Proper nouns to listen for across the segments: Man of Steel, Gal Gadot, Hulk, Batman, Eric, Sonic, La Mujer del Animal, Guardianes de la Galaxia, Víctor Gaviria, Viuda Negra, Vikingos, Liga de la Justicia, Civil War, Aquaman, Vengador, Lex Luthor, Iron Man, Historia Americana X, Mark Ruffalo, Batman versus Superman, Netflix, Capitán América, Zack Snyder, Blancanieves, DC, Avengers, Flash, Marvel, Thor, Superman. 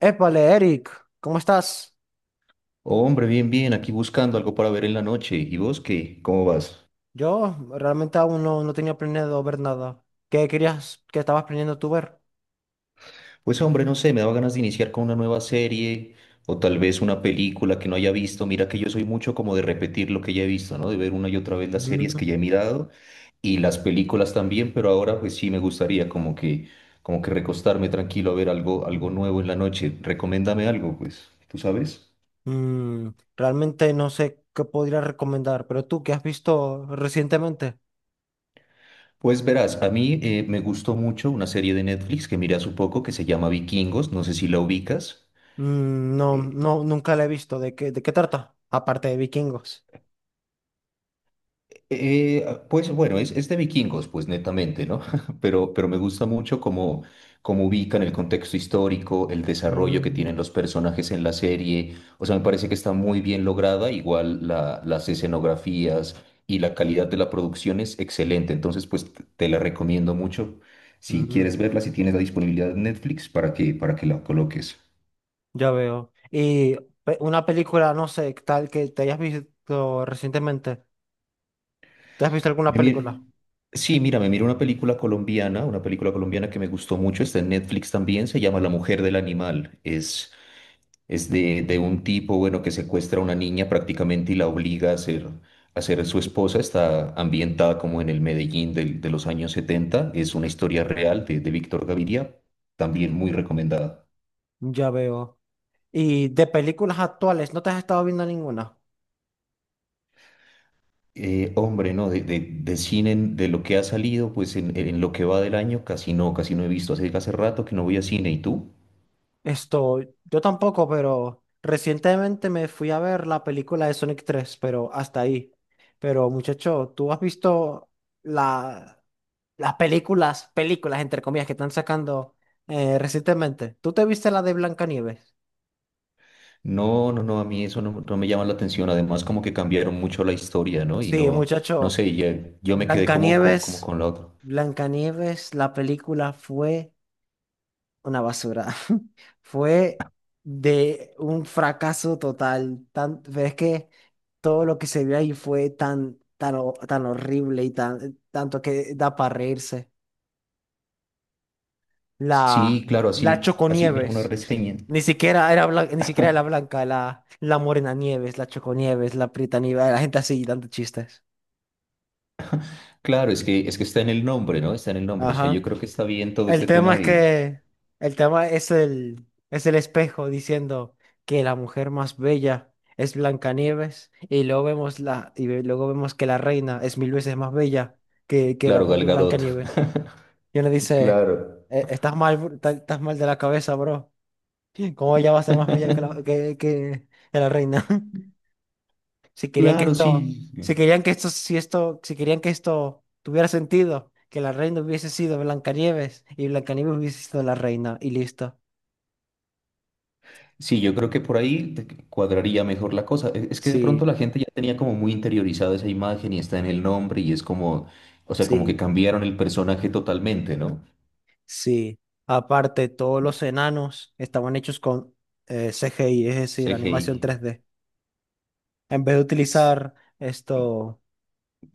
Épale, Eric, ¿cómo estás? Hombre, bien, bien, aquí buscando algo para ver en la noche. ¿Y vos qué? ¿Cómo vas? Yo realmente aún no tenía planeado ver nada. ¿Qué querías, qué estabas planeando tú ver? Pues hombre, no sé, me daba ganas de iniciar con una nueva serie o tal vez una película que no haya visto. Mira que yo soy mucho como de repetir lo que ya he visto, ¿no? De ver una y otra vez las series que Mm. ya he mirado y las películas también, pero ahora pues sí me gustaría como que recostarme tranquilo a ver algo nuevo en la noche. Recomiéndame algo, pues. ¿Tú sabes? Mm, Realmente no sé qué podría recomendar, pero tú, ¿qué has visto recientemente? Pues verás, a mí me gustó mucho una serie de Netflix que miré hace poco que se llama Vikingos, no sé si la ubicas. No, Eh, no, nunca la he visto. ¿De qué trata? Aparte de vikingos. Pues bueno, es de vikingos, pues netamente, ¿no? Pero me gusta mucho cómo ubican el contexto histórico, el desarrollo que Mm, tienen los personajes en la serie. O sea, me parece que está muy bien lograda, igual las escenografías y la calidad de la producción es excelente. Entonces, pues te la recomiendo mucho. Si mm, quieres verla, si tienes la disponibilidad de Netflix, para que la coloques. ya veo. Y una película, no sé, tal que te hayas visto recientemente. ¿Te has visto alguna Me película? mir- Sí, mira, me miro una película colombiana, que me gustó mucho, está en Netflix también, se llama La Mujer del Animal. Es de un tipo, bueno, que secuestra a una niña prácticamente y la obliga a a ser su esposa. Está ambientada como en el de los años setenta. Es una historia real de Víctor Gaviria, también muy recomendada. Ya veo. Y de películas actuales, ¿no te has estado viendo ninguna? Hombre, no, de cine, de lo que ha salido, en lo que va del año, casi no he visto. Hace rato que no voy a cine, ¿y tú? Esto, yo tampoco, pero recientemente me fui a ver la película de Sonic 3, pero hasta ahí. Pero muchacho, ¿tú has visto la, las películas, películas entre comillas, que están sacando recientemente? ¿Tú te viste la de Blancanieves? No, no, no, a mí eso no me llama la atención. Además, como que cambiaron mucho la historia, ¿no? Y Sí, no, no muchacho, sé, yo me quedé como, Blancanieves, con la otra. Blancanieves, la película fue una basura. Fue de un fracaso total. Pero es que todo lo que se vio ahí fue tan horrible y tanto que da para reírse. La, Sí, claro, la así, mira, una Choconieves. reseña. Ni siquiera era blanca, ni siquiera era la blanca, la Morena Nieves, la Choconieves, la Prieta Nieves, la gente así dando chistes. Claro, es que está en el nombre, ¿no? Está en el nombre. O sea, yo Ajá. creo que está bien todo El este tema tema es de, que el tema es el espejo diciendo que la mujer más bella es Blancanieves y luego vemos luego vemos que la reina es mil veces más bella que la claro, Gal propia Gadot. Blancanieves. Y uno dice: Claro. Estás mal, bro, estás mal de la cabeza, bro. ¿Cómo ella va a ser más bella que la, que, que- que la reina? Si querían que Claro, esto, sí. si querían que Si querían que esto tuviera sentido, que la reina hubiese sido Blancanieves y Blancanieves hubiese sido la reina y listo." Sí, yo creo que por ahí te cuadraría mejor la cosa. Es que de pronto Sí, la gente ya tenía como muy interiorizada esa imagen y está en el nombre y es como, o sea, como que sí, cambiaron el personaje totalmente, ¿no? sí. Aparte, todos los enanos estaban hechos con CGI, es decir, CGI. animación 3D. En vez de S- utilizar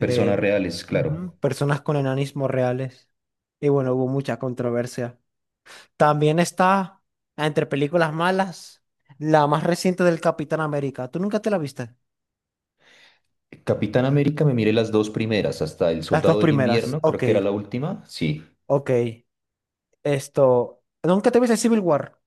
Personas reales, ujú, claro. personas con enanismo reales. Y bueno, hubo mucha controversia. También está entre películas malas, la más reciente del Capitán América. ¿Tú nunca te la viste? Capitán América me miré las dos primeras, hasta El Las dos Soldado del primeras. Invierno, creo Ok, que era la última, sí. ok. Esto. ¿Nunca te viste Civil War?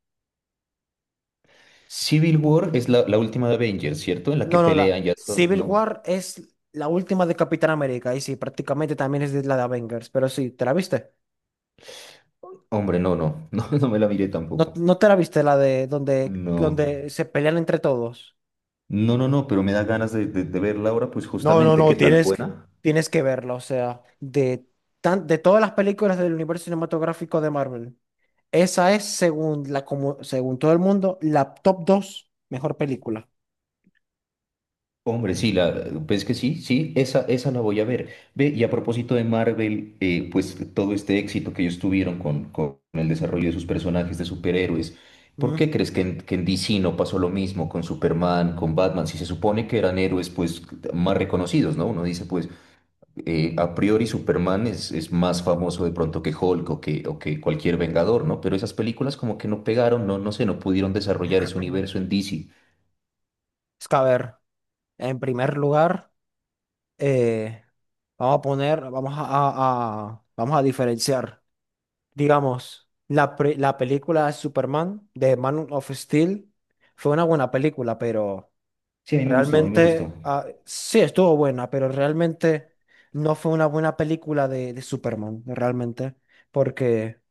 Civil War es la última de Avengers, ¿cierto? En la que No, no, la. pelean ya todos, Civil ¿no? War es la última de Capitán América. Y sí, prácticamente también es de la de Avengers. Pero sí, ¿te la viste? Hombre, no, no, no, no me la miré No, tampoco. no te la viste la de donde, No. donde se pelean entre todos. No, no, no, pero me da ganas de verla ahora, pues No, no, justamente, no, ¿qué tal? tienes, que- ¿Buena? tienes que verla. O sea, de todas las películas del universo cinematográfico de Marvel. Esa es, según todo el mundo, la top 2 mejor película. Hombre, sí, la, ves que sí, sí, esa la voy a ver. Ve, y a propósito de Marvel, pues todo este éxito que ellos tuvieron con el desarrollo de sus personajes de superhéroes, ¿por Mm. qué crees que en DC no pasó lo mismo con Superman, con Batman? Si se supone que eran héroes, pues, más reconocidos, ¿no? Uno dice, pues, a priori Superman es más famoso de pronto que Hulk o que cualquier Vengador, ¿no? Pero esas películas como que no pegaron, no, no sé, no pudieron desarrollar ese universo en DC. Es que, a ver, en primer lugar, eh, vamos a poner, vamos a- vamos a diferenciar, digamos, la película de Superman, de Man of Steel, fue una buena película, pero Sí, a mí me gustó, a mí me realmente, gustó. Sí, estuvo buena, pero realmente no fue una buena película de Superman, realmente, porque...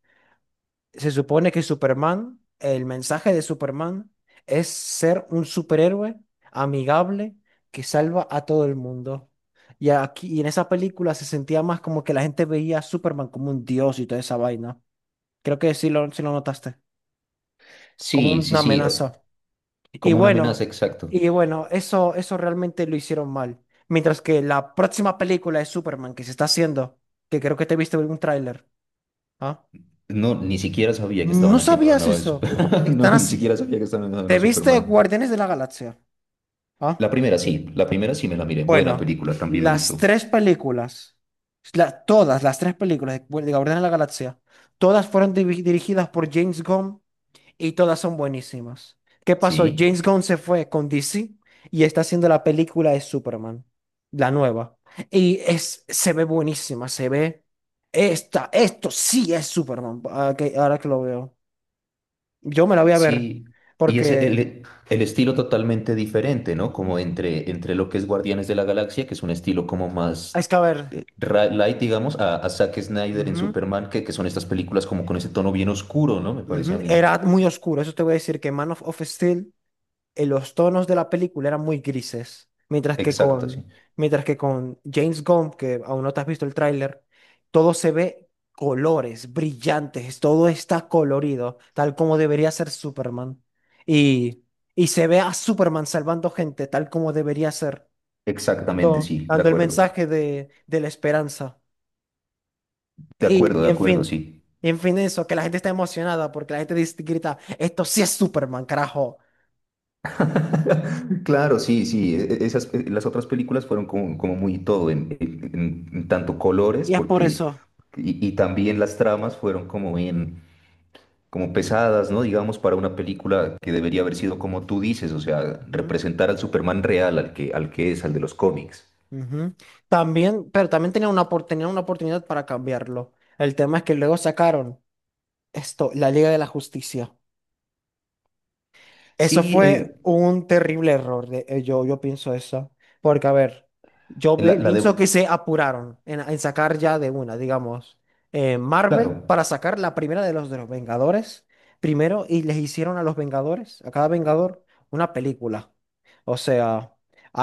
Se supone que Superman, el mensaje de Superman es ser un superhéroe amigable que salva a todo el mundo. Y aquí, en esa película se sentía más como que la gente veía a Superman como un dios y toda esa vaina. Creo que sí lo notaste, como Sí, sí, una sí, amenaza. Y como una amenaza, bueno, exacto. y bueno, eso realmente lo hicieron mal. Mientras que la próxima película de Superman que se está haciendo, que creo que te viste en un tráiler, ¿ah? No, ni siquiera sabía que ¿No estaban haciendo una sabías nueva de eso? Superman. No, Están ni así. siquiera sabía que estaban haciendo una ¿Te viste Superman. Guardianes de la Galaxia? Ah, La primera sí me la miré. Buena bueno, película, también me las gustó. tres películas, la- todas las tres películas de Guardianes de la Galaxia, todas fueron dirigidas por James Gunn y todas son buenísimas. ¿Qué pasó? Sí. James Gunn se fue con DC y está haciendo la película de Superman, la nueva. Se ve buenísima, se ve. Esto sí es Superman, ahora que lo veo. Yo me la voy a ver Sí, y es porque... el estilo totalmente diferente, ¿no? Ujú. Como entre lo que es Guardianes de la Galaxia, que es un estilo como más Es que a ver. Light, digamos, a Zack Snyder en Ujú. Superman, que son estas películas como con ese tono bien oscuro, ¿no? Me parece a Ujú, mí. era muy oscuro, eso te voy a decir que Man of Steel, los tonos de la película eran muy grises, mientras que Exacto, sí. con, mientras que con James Gunn, que aún no te has visto el tráiler, todo se ve colores brillantes, todo está colorido, tal como debería ser Superman. Y, y se ve a Superman salvando gente, tal como debería ser, Exactamente, dando, sí, de dando el acuerdo. mensaje de la esperanza. De Y, acuerdo, de y en acuerdo, fin, sí. y en fin, eso, que la gente está emocionada porque la gente grita, esto sí es Superman, carajo. Claro, sí, sí. Esas, las otras películas fueron como, como muy todo, en tanto colores, Y es por porque, eso. Y también las tramas fueron como bien como pesadas, ¿no? Digamos, para una película que debería haber sido como tú dices, o sea, Ujú, representar al Superman real, al que es, al de los cómics. ujú. También, pero también tenían una oportunidad para cambiarlo. El tema es que luego sacaron la Liga de la Justicia. Eso Sí, fue un terrible error, yo pienso eso, porque a ver, la pienso que de, se apuraron en sacar ya de una, digamos, Marvel claro, para sacar la primera de los Vengadores primero y les hicieron a los Vengadores, a cada Vengador, una película. O sea,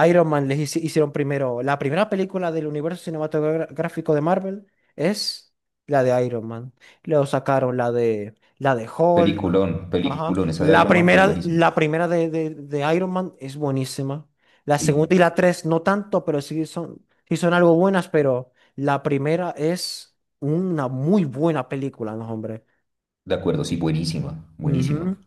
Iron Man les hicieron primero, la primera película del universo cinematográfico de Marvel es la de Iron Man. Luego sacaron la de Hulk. peliculón, Ajá. peliculón, esa de La Iron Man fue primera, buenísima. la primera de Iron Man es buenísima. La Sí, segunda y la tres no tanto, pero sí son algo buenas, pero la primera es una muy buena película, ¿no, hombre? de acuerdo, sí, buenísima, buenísima. Ujú.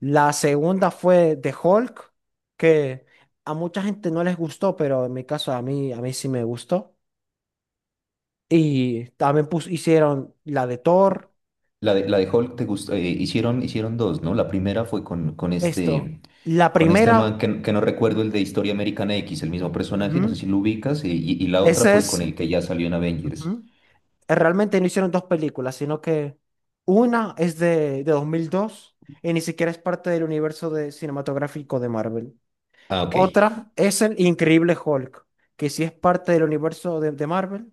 La segunda fue The Hulk, que a mucha gente no les gustó, pero en mi caso a mí sí me gustó. Y también hicieron la de Thor. La de Hulk te gusta, hicieron dos, ¿no? La primera fue La con este man primera, que no recuerdo el de Historia Americana X, el mismo personaje, ujú, no sé si lo ubicas, y, y la otra esa fue con es... el que ya salió en Avengers. Ujú. Realmente no hicieron dos películas, sino que una es de 2002 y ni siquiera es parte del universo cinematográfico de Marvel. Ah, ok. Otra es el Increíble Hulk, que sí es parte del universo de Marvel,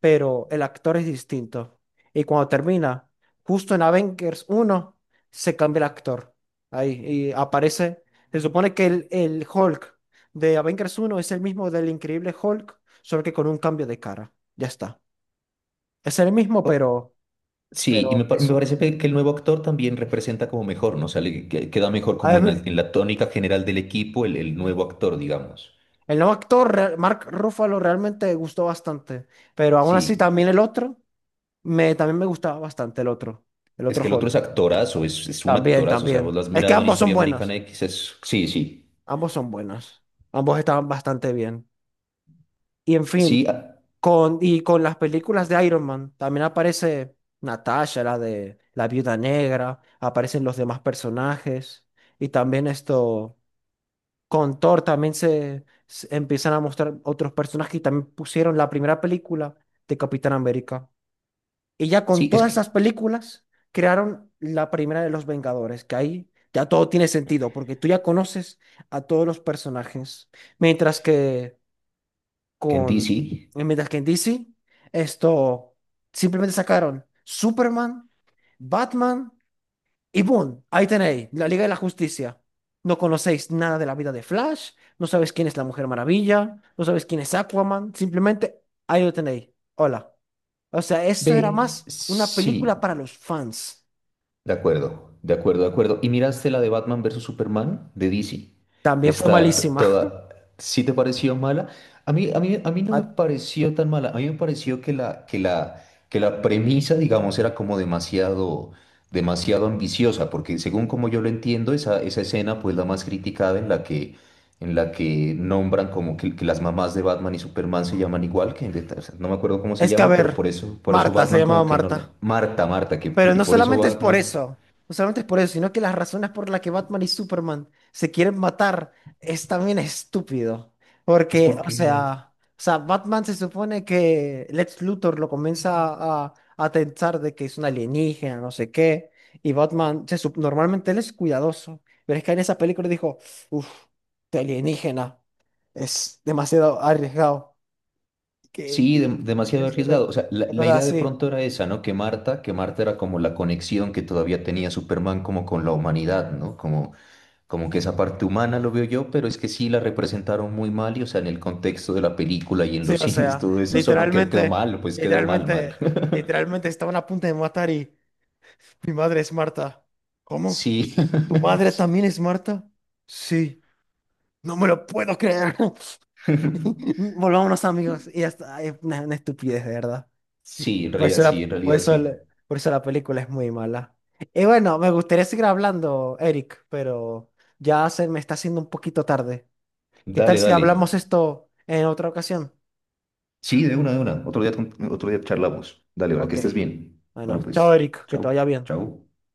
pero el actor es distinto. Y cuando termina, justo en Avengers 1 se cambia el actor. Ahí, y aparece, se supone que el Hulk de Avengers 1 es el mismo del Increíble Hulk, solo que con un cambio de cara. Ya está. Es el mismo, O- pero Sí, me eso. parece que el nuevo actor también representa como mejor, ¿no? O sea, queda mejor A como en, mí, en la tónica general del equipo el nuevo actor, digamos. el nuevo actor, Mark Ruffalo, realmente me gustó bastante, pero aún así Sí, también el otro, también me gustaba bastante el es otro que el otro Hulk. es actorazo, es un También, actorazo, o sea, vos también. lo has Es que mirado en ambos son Historia Americana buenos, X, es... Sí, sí, ambos son buenos, ambos estaban bastante bien. Y en sí, fin, ah, y con las películas de Iron Man, también aparece Natasha, la de la Viuda Negra, aparecen los demás personajes, y también esto... Con Thor también se empiezan a mostrar otros personajes y también pusieron la primera película de Capitán América. Y ya con sí, es todas esas películas crearon la primera de los Vengadores, que ahí ya todo tiene sentido, porque tú ya conoces a todos los personajes. Mientras que que en con, DC, mientras que en DC, esto simplemente sacaron Superman, Batman. Y boom, ahí tenéis, la Liga de la Justicia. No conocéis nada de la vida de Flash, no sabéis quién es la Mujer Maravilla, no sabéis quién es Aquaman, simplemente ahí lo tenéis. Hola. O sea, eso era ve, más una película sí. para los fans. De acuerdo, de acuerdo, de acuerdo. ¿Y miraste la de Batman versus Superman de DC? También fue Está t- malísima. toda... ¿Sí te pareció mala? A mí, a mí, a mí no me Ah, pareció tan mala. A mí me pareció que que la premisa, digamos, era como demasiado, demasiado ambiciosa, porque según como yo lo entiendo, esa escena, pues la más criticada en la que nombran como que las mamás de Batman y Superman se llaman igual, que o sea, no me acuerdo cómo se Es que, a llama, pero ver, por eso Marta, se Batman llamaba como que no... Marta. Marta, Marta, que, Pero y no por eso solamente es por Batman... eso, no solamente es por eso, sino que las razones por las que Batman y Superman se quieren matar es también estúpido. Es Porque, o porque es- sea, o sea, Batman se supone que Lex Luthor lo comienza a pensar de que es un alienígena, no sé qué, y Batman, normalmente él es cuidadoso, pero es que en esa película dijo, uff, de alienígena, es demasiado arriesgado. Que, Sí, y, y, o demasiado sea, arriesgado. O sea, la cosas idea de así. pronto era esa, ¿no? Que Marta era como la conexión que todavía tenía Superman como con la humanidad, ¿no? Como, como que esa parte humana lo veo yo, pero es que sí la representaron muy mal y, o sea, en el contexto de la película y en Sí, los o cines, sea, todo eso, eso no quedó, quedó literalmente, mal, pues quedó mal, mal. literalmente, literalmente estaban a punto de matar y mi madre es Marta. ¿Cómo? Sí. ¿Tu madre también es Marta? Sí, no me lo puedo creer. Volvámonos amigos. Y hasta es una estupidez, de verdad. Sí, en Por realidad eso la, sí, en realidad sí. Por eso la película es muy mala. Y bueno, me gustaría seguir hablando, Eric, pero ya se me está haciendo un poquito tarde. ¿Qué tal Dale, si dale. hablamos esto en otra ocasión? Sí, de una, de una. Otro día, otro día charlamos. Dale, ahora que Ok, estés bien. bueno, Bueno, chao, pues, Eric, que te chao, vaya bien. chao.